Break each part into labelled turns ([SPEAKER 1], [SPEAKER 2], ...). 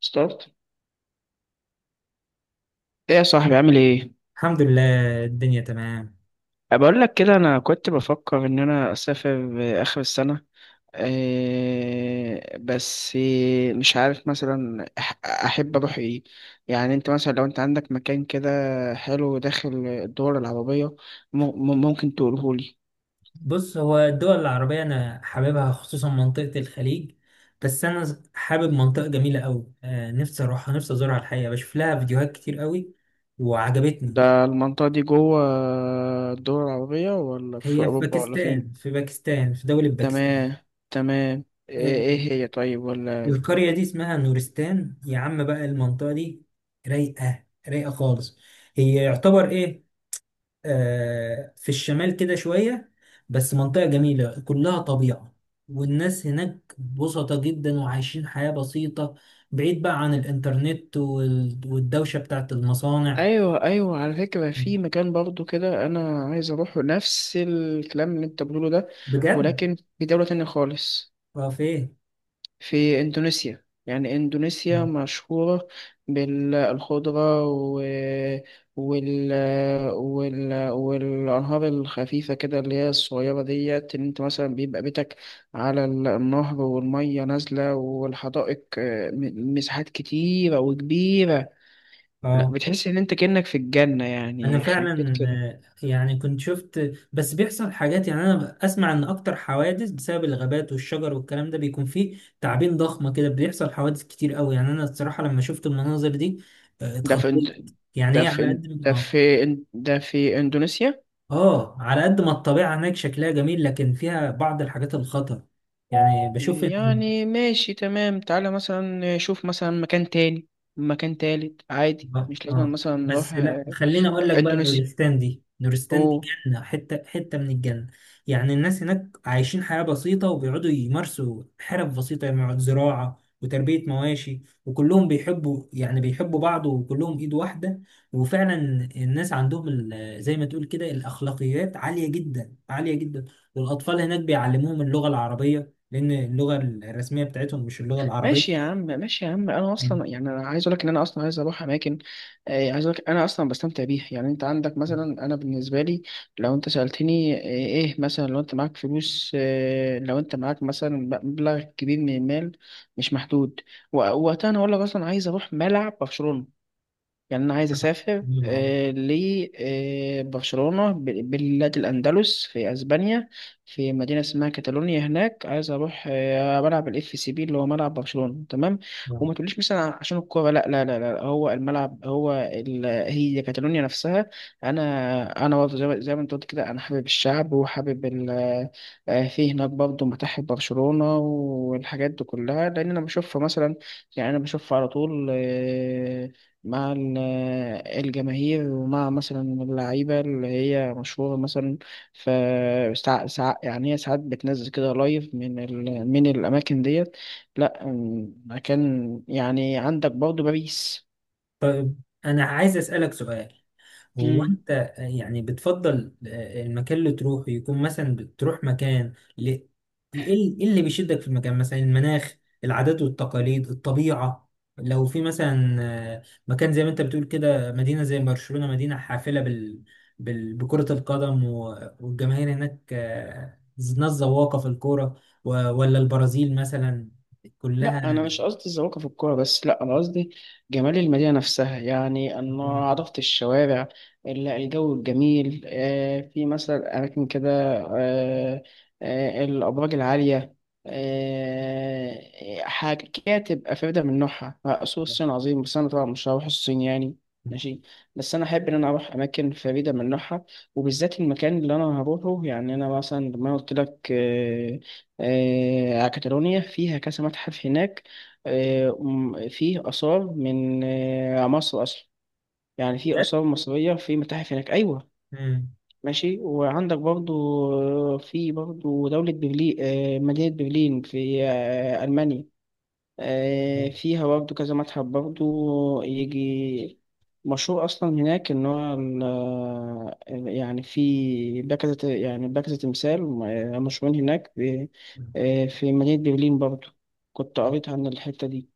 [SPEAKER 1] ستارت. ايه يا صاحبي، عامل ايه؟
[SPEAKER 2] الحمد لله، الدنيا تمام.
[SPEAKER 1] بقول لك كده انا كنت بفكر ان انا اسافر اخر السنه. إيه بس، مش عارف مثلا احب اروح ايه. يعني انت مثلا لو انت عندك مكان كده حلو داخل الدول العربيه، م- ممكن تقوله لي؟
[SPEAKER 2] بص، هو الدول العربية أنا حاببها خصوصا منطقة الخليج. بس أنا حابب منطقة جميلة أوي. نفسي أروحها، نفسي أزورها. الحقيقة بشوف لها فيديوهات كتير أوي وعجبتني.
[SPEAKER 1] ده المنطقه دي جوه الدول العربيه ولا في
[SPEAKER 2] هي في
[SPEAKER 1] اوروبا ولا فين؟
[SPEAKER 2] باكستان في باكستان في دولة باكستان.
[SPEAKER 1] تمام، تمام. ايه
[SPEAKER 2] آه
[SPEAKER 1] إيه هي؟ طيب ولا.
[SPEAKER 2] القرية دي اسمها نورستان، يا عم، بقى المنطقة دي رايقة رايقة خالص. هي يعتبر إيه، في الشمال كده شوية، بس منطقة جميلة كلها طبيعة. والناس هناك بسطة جدا وعايشين حياة بسيطة، بعيد بقى عن الإنترنت والدوشة بتاعت المصانع.
[SPEAKER 1] ايوه، ايوه، على فكره في مكان برضو كده انا عايز اروحه، نفس الكلام اللي انت بتقوله ده،
[SPEAKER 2] بجد.
[SPEAKER 1] ولكن في دوله تانية خالص.
[SPEAKER 2] اه، فين؟
[SPEAKER 1] في اندونيسيا. يعني اندونيسيا مشهوره بالخضره وال... والانهار الخفيفه كده، اللي هي الصغيره ديت، ان انت مثلا بيبقى بيتك على النهر والميه نازله، والحدائق، مساحات كتيره وكبيره. لا،
[SPEAKER 2] اه،
[SPEAKER 1] بتحس ان انت كأنك في الجنة،
[SPEAKER 2] انا
[SPEAKER 1] يعني يخرب بيت
[SPEAKER 2] فعلا.
[SPEAKER 1] كده.
[SPEAKER 2] يعني كنت شفت، بس بيحصل حاجات. يعني انا اسمع ان اكتر حوادث بسبب الغابات والشجر والكلام ده بيكون فيه تعابين ضخمة كده، بيحصل حوادث كتير قوي. يعني انا الصراحة لما شفت المناظر دي
[SPEAKER 1] ده في
[SPEAKER 2] اتخضيت.
[SPEAKER 1] إند...
[SPEAKER 2] يعني
[SPEAKER 1] ده
[SPEAKER 2] هي
[SPEAKER 1] في
[SPEAKER 2] على
[SPEAKER 1] إن...
[SPEAKER 2] قد ما-
[SPEAKER 1] ده
[SPEAKER 2] اه
[SPEAKER 1] في إن... ده في اندونيسيا.
[SPEAKER 2] اه على قد ما الطبيعة هناك شكلها جميل، لكن فيها بعض الحاجات الخطر. يعني بشوف إن
[SPEAKER 1] يعني ماشي تمام، تعالى مثلا شوف مثلا مكان تاني، مكان تالت، عادي،
[SPEAKER 2] اه.
[SPEAKER 1] مش لازم
[SPEAKER 2] اه،
[SPEAKER 1] مثلا نروح
[SPEAKER 2] بس لا، خليني اقول لك بقى.
[SPEAKER 1] اندونيسيا.
[SPEAKER 2] نورستان دي، نورستان دي
[SPEAKER 1] أوه.
[SPEAKER 2] جنه، حته حته من الجنه. يعني الناس هناك عايشين حياه بسيطه، وبيقعدوا يمارسوا حرف بسيطه. يعني يقعد زراعه وتربيه مواشي، وكلهم بيحبوا، يعني بيحبوا بعض، وكلهم ايد واحده. وفعلا الناس عندهم زي ما تقول كده الاخلاقيات عاليه جدا، عاليه جدا. والاطفال هناك بيعلموهم اللغه العربيه، لان اللغه الرسميه بتاعتهم مش اللغه
[SPEAKER 1] ماشي يا
[SPEAKER 2] العربيه.
[SPEAKER 1] عم، ماشي يا عم، انا
[SPEAKER 2] مم.
[SPEAKER 1] اصلا يعني انا عايز اقول لك ان انا اصلا عايز اروح اماكن، عايز اقول لك انا اصلا بستمتع بيها. يعني انت عندك مثلا، انا بالنسبه لي لو انت سالتني ايه، مثلا لو انت معاك فلوس، لو انت معاك مثلا مبلغ كبير من المال، مش محدود، وقتها انا اقول لك اصلا عايز اروح ملعب برشلونه. يعني أنا عايز أسافر لبرشلونة، بلاد الأندلس في أسبانيا، في مدينة اسمها كاتالونيا. هناك عايز أروح ملعب الإف سي بي، اللي هو ملعب برشلونة، تمام.
[SPEAKER 2] آه.
[SPEAKER 1] وما تقوليش مثلا عشان الكورة، لا لا لا لا، هو الملعب، هو هي كاتالونيا نفسها. أنا برضه زي ما أنت قلت كده، أنا حابب الشعب وحابب ال... آه، في هناك برضه متاحف برشلونة والحاجات دي كلها، لأن أنا بشوفها مثلا. يعني أنا بشوفها على طول مع الجماهير، ومع مثلا اللعيبة اللي هي مشهورة مثلا. ف يعني هي ساعات بتنزل كده لايف من من الأماكن ديت. لأ، مكان يعني عندك برضه باريس.
[SPEAKER 2] طيب، أنا عايز أسألك سؤال. هو أنت يعني بتفضل المكان اللي تروحه يكون مثلا، بتروح مكان إيه؟ إيه اللي بيشدك في المكان، مثلا المناخ، العادات والتقاليد، الطبيعة؟ لو في مثلا آه، مكان زي ما أنت بتقول كده، مدينة زي برشلونة، مدينة حافلة بكرة القدم والجماهير هناك، ناس ذواقة في الكورة، ولا البرازيل مثلا
[SPEAKER 1] لا
[SPEAKER 2] كلها؟
[SPEAKER 1] انا مش قصدي الذوقة في الكوره بس، لا انا قصدي جمال المدينه نفسها، يعني انه
[SPEAKER 2] آه،
[SPEAKER 1] عرفت الشوارع، الجو الجميل، في مثلا اماكن كده، آه، الابراج العاليه، آه، حاجات كده تبقى فريده من نوعها. سوق الصين عظيم، بس انا طبعا مش هروح الصين يعني، ماشي. بس انا احب ان انا اروح اماكن فريده من نوعها، وبالذات المكان اللي انا هروحه. يعني انا مثلا لما قلت لك كاتالونيا فيها كذا متحف هناك، فيه آثار من مصر أصلا، يعني في
[SPEAKER 2] بجد؟
[SPEAKER 1] آثار مصرية في متاحف هناك، أيوة. ماشي. وعندك برضو في برضو دولة برلين، مدينة برلين في ألمانيا. فيها برضه كذا متحف برضه، يجي مشهور أصلا هناك. إن هو يعني في باكزة، يعني باكزة تمثال مشهورين هناك
[SPEAKER 2] مم.
[SPEAKER 1] في مدينة برلين برضه، كنت قريت عن الحتة دي.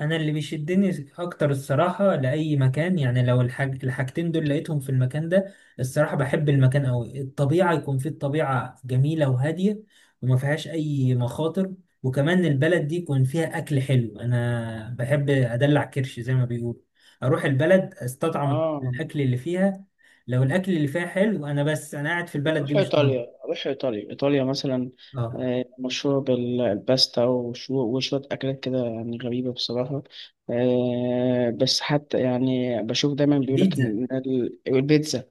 [SPEAKER 2] انا اللي بيشدني اكتر الصراحه لاي مكان، يعني لو الحاجتين دول لقيتهم في المكان ده، الصراحه بحب المكان قوي. الطبيعه يكون فيه الطبيعه جميله وهاديه، وما فيهاش اي مخاطر. وكمان البلد دي يكون فيها اكل حلو. انا بحب ادلع كرش زي ما بيقولوا، اروح البلد استطعم
[SPEAKER 1] اه.
[SPEAKER 2] الاكل اللي فيها. لو الاكل اللي فيها حلو، انا بس انا قاعد في البلد دي
[SPEAKER 1] أروح
[SPEAKER 2] مش طالب.
[SPEAKER 1] إيطاليا، أروح إيطاليا، إيطاليا مثلا
[SPEAKER 2] اه.
[SPEAKER 1] مشهورة بالباستا وشوية أكلات كده يعني غريبة بصراحة. بس حتى يعني بشوف دايما بيقولك
[SPEAKER 2] البيتزا.
[SPEAKER 1] إن البيتزا،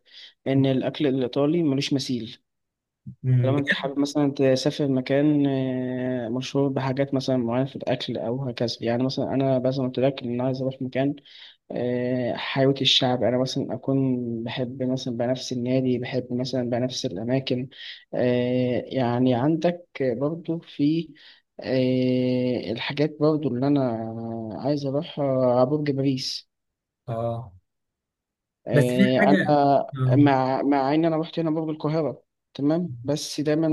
[SPEAKER 1] إن الأكل الإيطالي ملوش مثيل. طالما أنت
[SPEAKER 2] بجد.
[SPEAKER 1] حابب مثلا تسافر مكان مشهور بحاجات مثلا معينة في الأكل أو هكذا. يعني مثلا أنا مثلا قلت لك إن أنا عايز أروح مكان حياة الشعب، أنا مثلا أكون بحب مثلا بنفس النادي، بحب مثلا بنفس الأماكن. يعني عندك برضو في الحاجات برضو اللي أنا عايز أروحها، برج باريس.
[SPEAKER 2] اه، بس في
[SPEAKER 1] آه،
[SPEAKER 2] حاجه.
[SPEAKER 1] أنا
[SPEAKER 2] اه.
[SPEAKER 1] مع مع إن أنا رحت هنا برج القاهرة، تمام، بس دايما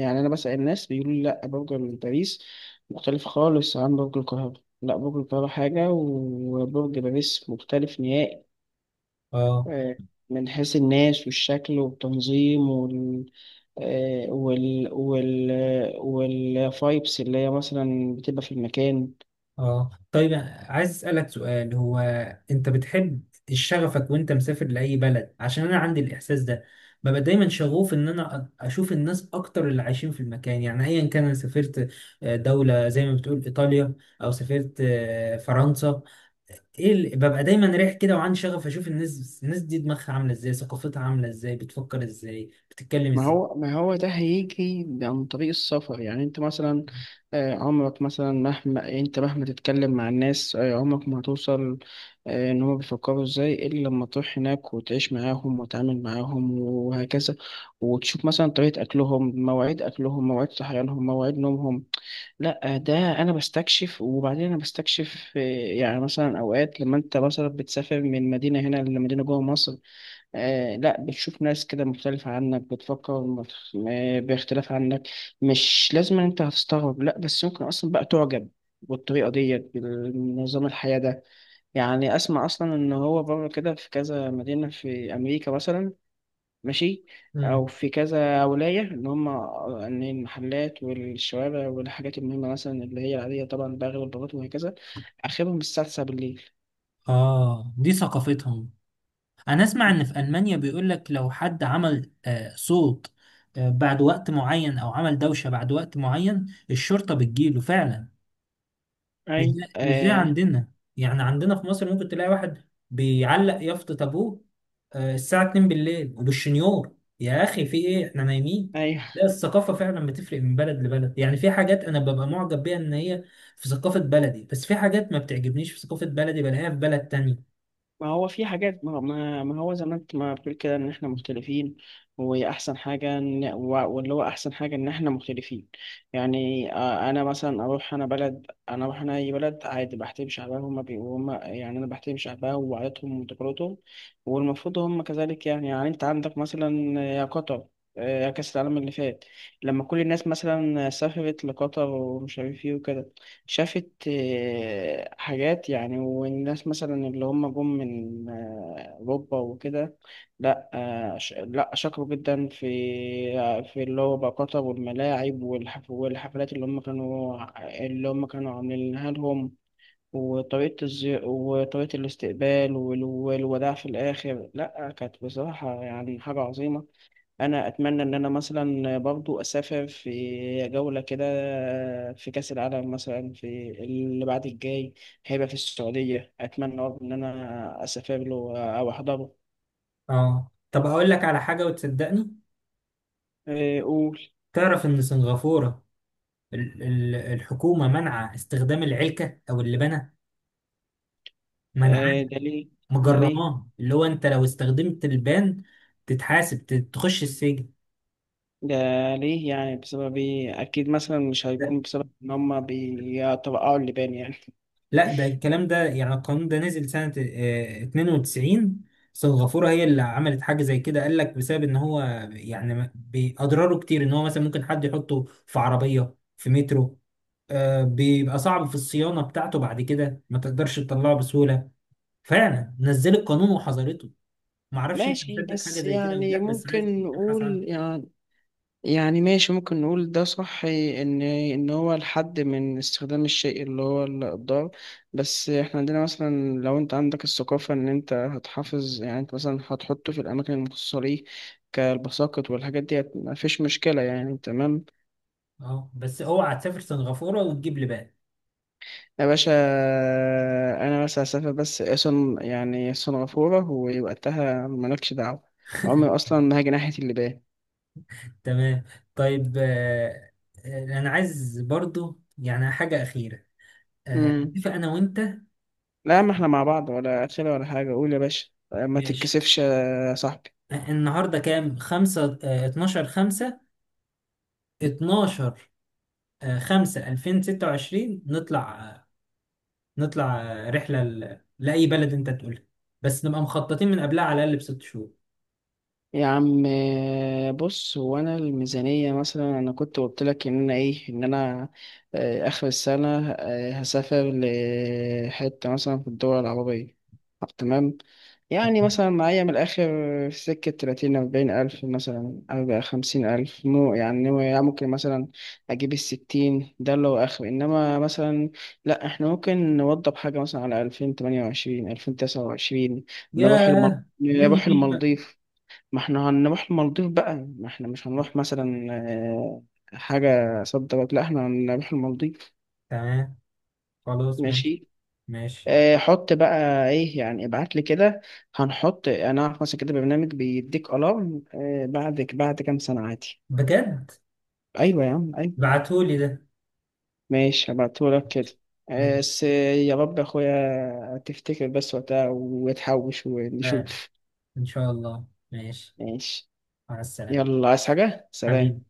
[SPEAKER 1] يعني أنا بسأل الناس بيقولوا لي لأ، برج باريس مختلف خالص عن برج القاهرة. لا، برج القاهرة حاجة، وبرج باريس مختلف نهائي
[SPEAKER 2] اه،
[SPEAKER 1] آه، من حيث الناس والشكل والتنظيم وال والفايبس اللي هي مثلا بتبقى في المكان.
[SPEAKER 2] اه طيب، عايز اسالك سؤال. هو انت بتحب شغفك وانت مسافر لاي بلد؟ عشان انا عندي الاحساس ده، ببقى دايما شغوف ان انا اشوف الناس اكتر اللي عايشين في المكان. يعني ايا كان انا سافرت دوله زي ما بتقول ايطاليا، او سافرت فرنسا، ايه اللي ببقى دايما رايح كده وعندي شغف اشوف الناس؟ الناس دي دماغها عامله ازاي، ثقافتها عامله ازاي، بتفكر ازاي، بتتكلم
[SPEAKER 1] ما
[SPEAKER 2] ازاي؟
[SPEAKER 1] هو، ما هو ده هيجي عن طريق السفر، يعني انت مثلا عمرك مثلا، مهما انت مهما تتكلم مع الناس عمرك ما هتوصل ان هما بيفكروا ازاي، الا لما تروح هناك وتعيش معاهم وتتعامل معاهم وهكذا، وتشوف مثلا طريقة اكلهم، مواعيد اكلهم، مواعيد صحيانهم، مواعيد نومهم. لا ده انا بستكشف، وبعدين انا بستكشف يعني مثلا اوقات لما انت مثلا بتسافر من مدينه هنا لمدينه جوه مصر، آه، لا بتشوف ناس كده مختلفة عنك، بتفكر باختلاف عنك. مش لازم انت هتستغرب، لا بس ممكن اصلا بقى تعجب بالطريقة ديت، بنظام الحياة ده. يعني اسمع اصلا ان هو بره كده في كذا مدينة في امريكا مثلا، ماشي، او
[SPEAKER 2] مم.
[SPEAKER 1] في كذا ولايه، ان هم، ان المحلات والشوارع والحاجات المهمه مثلا اللي هي العاديه طبعا، بقى غير البلاط وهكذا، اخرهم الساعه 9 بالليل.
[SPEAKER 2] اه، دي ثقافتهم. انا اسمع ان في المانيا بيقول لك لو حد عمل صوت، بعد وقت معين، او عمل دوشة بعد وقت معين، الشرطة بتجيله فعلا. مش
[SPEAKER 1] ايوه،
[SPEAKER 2] ده مش ده
[SPEAKER 1] آه،
[SPEAKER 2] عندنا. يعني عندنا في مصر ممكن تلاقي واحد بيعلق يافطة ابوه الساعة 2 بالليل وبالشنيور. يا اخي، في ايه؟ احنا نايمين.
[SPEAKER 1] ايوه.
[SPEAKER 2] لا، الثقافة فعلا بتفرق من بلد لبلد. يعني في حاجات انا ببقى معجب بيها ان هي في ثقافة بلدي، بس في حاجات ما بتعجبنيش في ثقافة بلدي بلاقيها في بلد تانية.
[SPEAKER 1] ما هو في حاجات، ما هو زي ما انت ما بتقول كده، ان احنا مختلفين. واحسن حاجه واللي هو احسن حاجه ان احنا مختلفين. يعني انا مثلا اروح انا بلد، انا اروح انا اي بلد عادي بحترم شعبها، هما بي هما، يعني انا بحترم شعبها وعاداتهم وتقاليدهم، والمفروض هما كذلك. يعني يعني انت عندك مثلا يا قطر يا كأس العالم اللي فات، لما كل الناس مثلا سافرت لقطر ومش عارف ايه وكده، شافت حاجات يعني، والناس مثلا اللي هم جم من أوروبا وكده، لا لا شكروا جدا في في اللي هو بقى قطر والملاعب والحفلات اللي هم كانوا، اللي هم كانوا عاملينها لهم. وطريقة الاستقبال والوداع في الآخر، لا كانت بصراحة يعني حاجة عظيمة. انا اتمنى ان انا مثلا برضو اسافر في جولة كده في كأس العالم مثلا، في اللي بعد الجاي، هيبقى في السعودية. اتمنى برضو ان انا اسافر له او احضره.
[SPEAKER 2] اه، طب اقول لك على حاجة وتصدقني.
[SPEAKER 1] إيه، قول.
[SPEAKER 2] تعرف إن سنغافورة، الحكومة منع استخدام العلكة أو اللبانة، منعاه،
[SPEAKER 1] إيه، ده ليه؟ ده ليه؟
[SPEAKER 2] مجرماه. اللي هو أنت لو استخدمت البان تتحاسب، تخش السجن.
[SPEAKER 1] ده ليه يعني؟ بسبب ايه؟ اكيد مثلا مش
[SPEAKER 2] ده-
[SPEAKER 1] هيكون بسبب ان هما بيترقعوا اللبان يعني.
[SPEAKER 2] لا، ده الكلام ده، يعني القانون ده نزل سنة 92. سنغافورة هي اللي عملت حاجة زي كده. قال لك بسبب إن هو يعني بأضراره كتير. إن هو مثلا ممكن حد يحطه في عربية، في مترو، بيبقى صعب في الصيانة بتاعته، بعد كده ما تقدرش تطلعه بسهولة. فعلا نزلت قانون وحظرته. ما اعرفش انت
[SPEAKER 1] ماشي،
[SPEAKER 2] مصدق حاجه
[SPEAKER 1] بس
[SPEAKER 2] زي كده ولا
[SPEAKER 1] يعني
[SPEAKER 2] لا، بس عايز
[SPEAKER 1] ممكن
[SPEAKER 2] تبحث عنها.
[SPEAKER 1] نقول يعني، يعني ماشي ممكن نقول ده صح، ان ان هو الحد من استخدام الشيء اللي هو الضار. بس احنا عندنا مثلا، لو انت عندك الثقافة ان انت هتحافظ، يعني انت مثلا هتحطه في الاماكن المخصصة ليه كالبساقط والحاجات دي، مفيش مشكلة يعني، تمام.
[SPEAKER 2] اه، بس اوعى تسافر سنغافوره وتجيب لي بقى.
[SPEAKER 1] يا باشا، انا بس هسافر بس اصلا يعني سنغافورة ووقتها مالكش دعوة. عمري اصلا ما هاجي ناحية اللي.
[SPEAKER 2] تمام. طيب. انا عايز برضو يعني حاجه اخيره. آه
[SPEAKER 1] امم.
[SPEAKER 2] اتفق انا وانت.
[SPEAKER 1] لا، ما احنا مع بعض ولا اخره ولا حاجة، قول يا باشا، ما
[SPEAKER 2] ماشي.
[SPEAKER 1] تتكسفش يا صاحبي.
[SPEAKER 2] النهارده كام؟ 5، آه، 12، 5، 12، آه، 5، 2026. نطلع رحله لاي بلد انت تقولها، بس نبقى مخططين من قبلها على الاقل ب6 شهور.
[SPEAKER 1] يا عم بص، هو انا الميزانيه مثلا، انا كنت قلت لك ان انا ايه، ان انا اخر السنه هسافر لحته مثلا في الدول العربيه. طب تمام. يعني مثلا معايا من الاخر في سكه 30 40 الف مثلا، او 50 الف، مو يعني، يعني ممكن مثلا اجيب الستين ده اللي هو اخر، انما مثلا لا، احنا ممكن نوضب حاجه مثلا على 2028 2029، نروح المالديف،
[SPEAKER 2] ياه. مين
[SPEAKER 1] نروح
[SPEAKER 2] يجي بقى؟
[SPEAKER 1] المالديف. ما احنا هنروح المالديف بقى، ما احنا مش هنروح مثلا حاجة صد رد، لا احنا هنروح المالديف.
[SPEAKER 2] تمام. خلاص، ماشي.
[SPEAKER 1] ماشي.
[SPEAKER 2] ماشي.
[SPEAKER 1] حط بقى ايه، يعني ابعت لي كده، هنحط، انا اعرف مثلا كده برنامج بيديك الارم بعد كام سنة عادي.
[SPEAKER 2] بجد؟
[SPEAKER 1] ايوه يا عم، ايوه.
[SPEAKER 2] بعتولي ده.
[SPEAKER 1] ماشي، هبعتهولك كده
[SPEAKER 2] ماشي.
[SPEAKER 1] بس يا رب يا اخويا تفتكر بس وقتها وتحوش
[SPEAKER 2] لا،
[SPEAKER 1] ونشوف.
[SPEAKER 2] ان شاء الله. ماشي.
[SPEAKER 1] ماشي.
[SPEAKER 2] مع السلامة،
[SPEAKER 1] يلا، عايز حاجة؟ سلام.
[SPEAKER 2] حبيبي.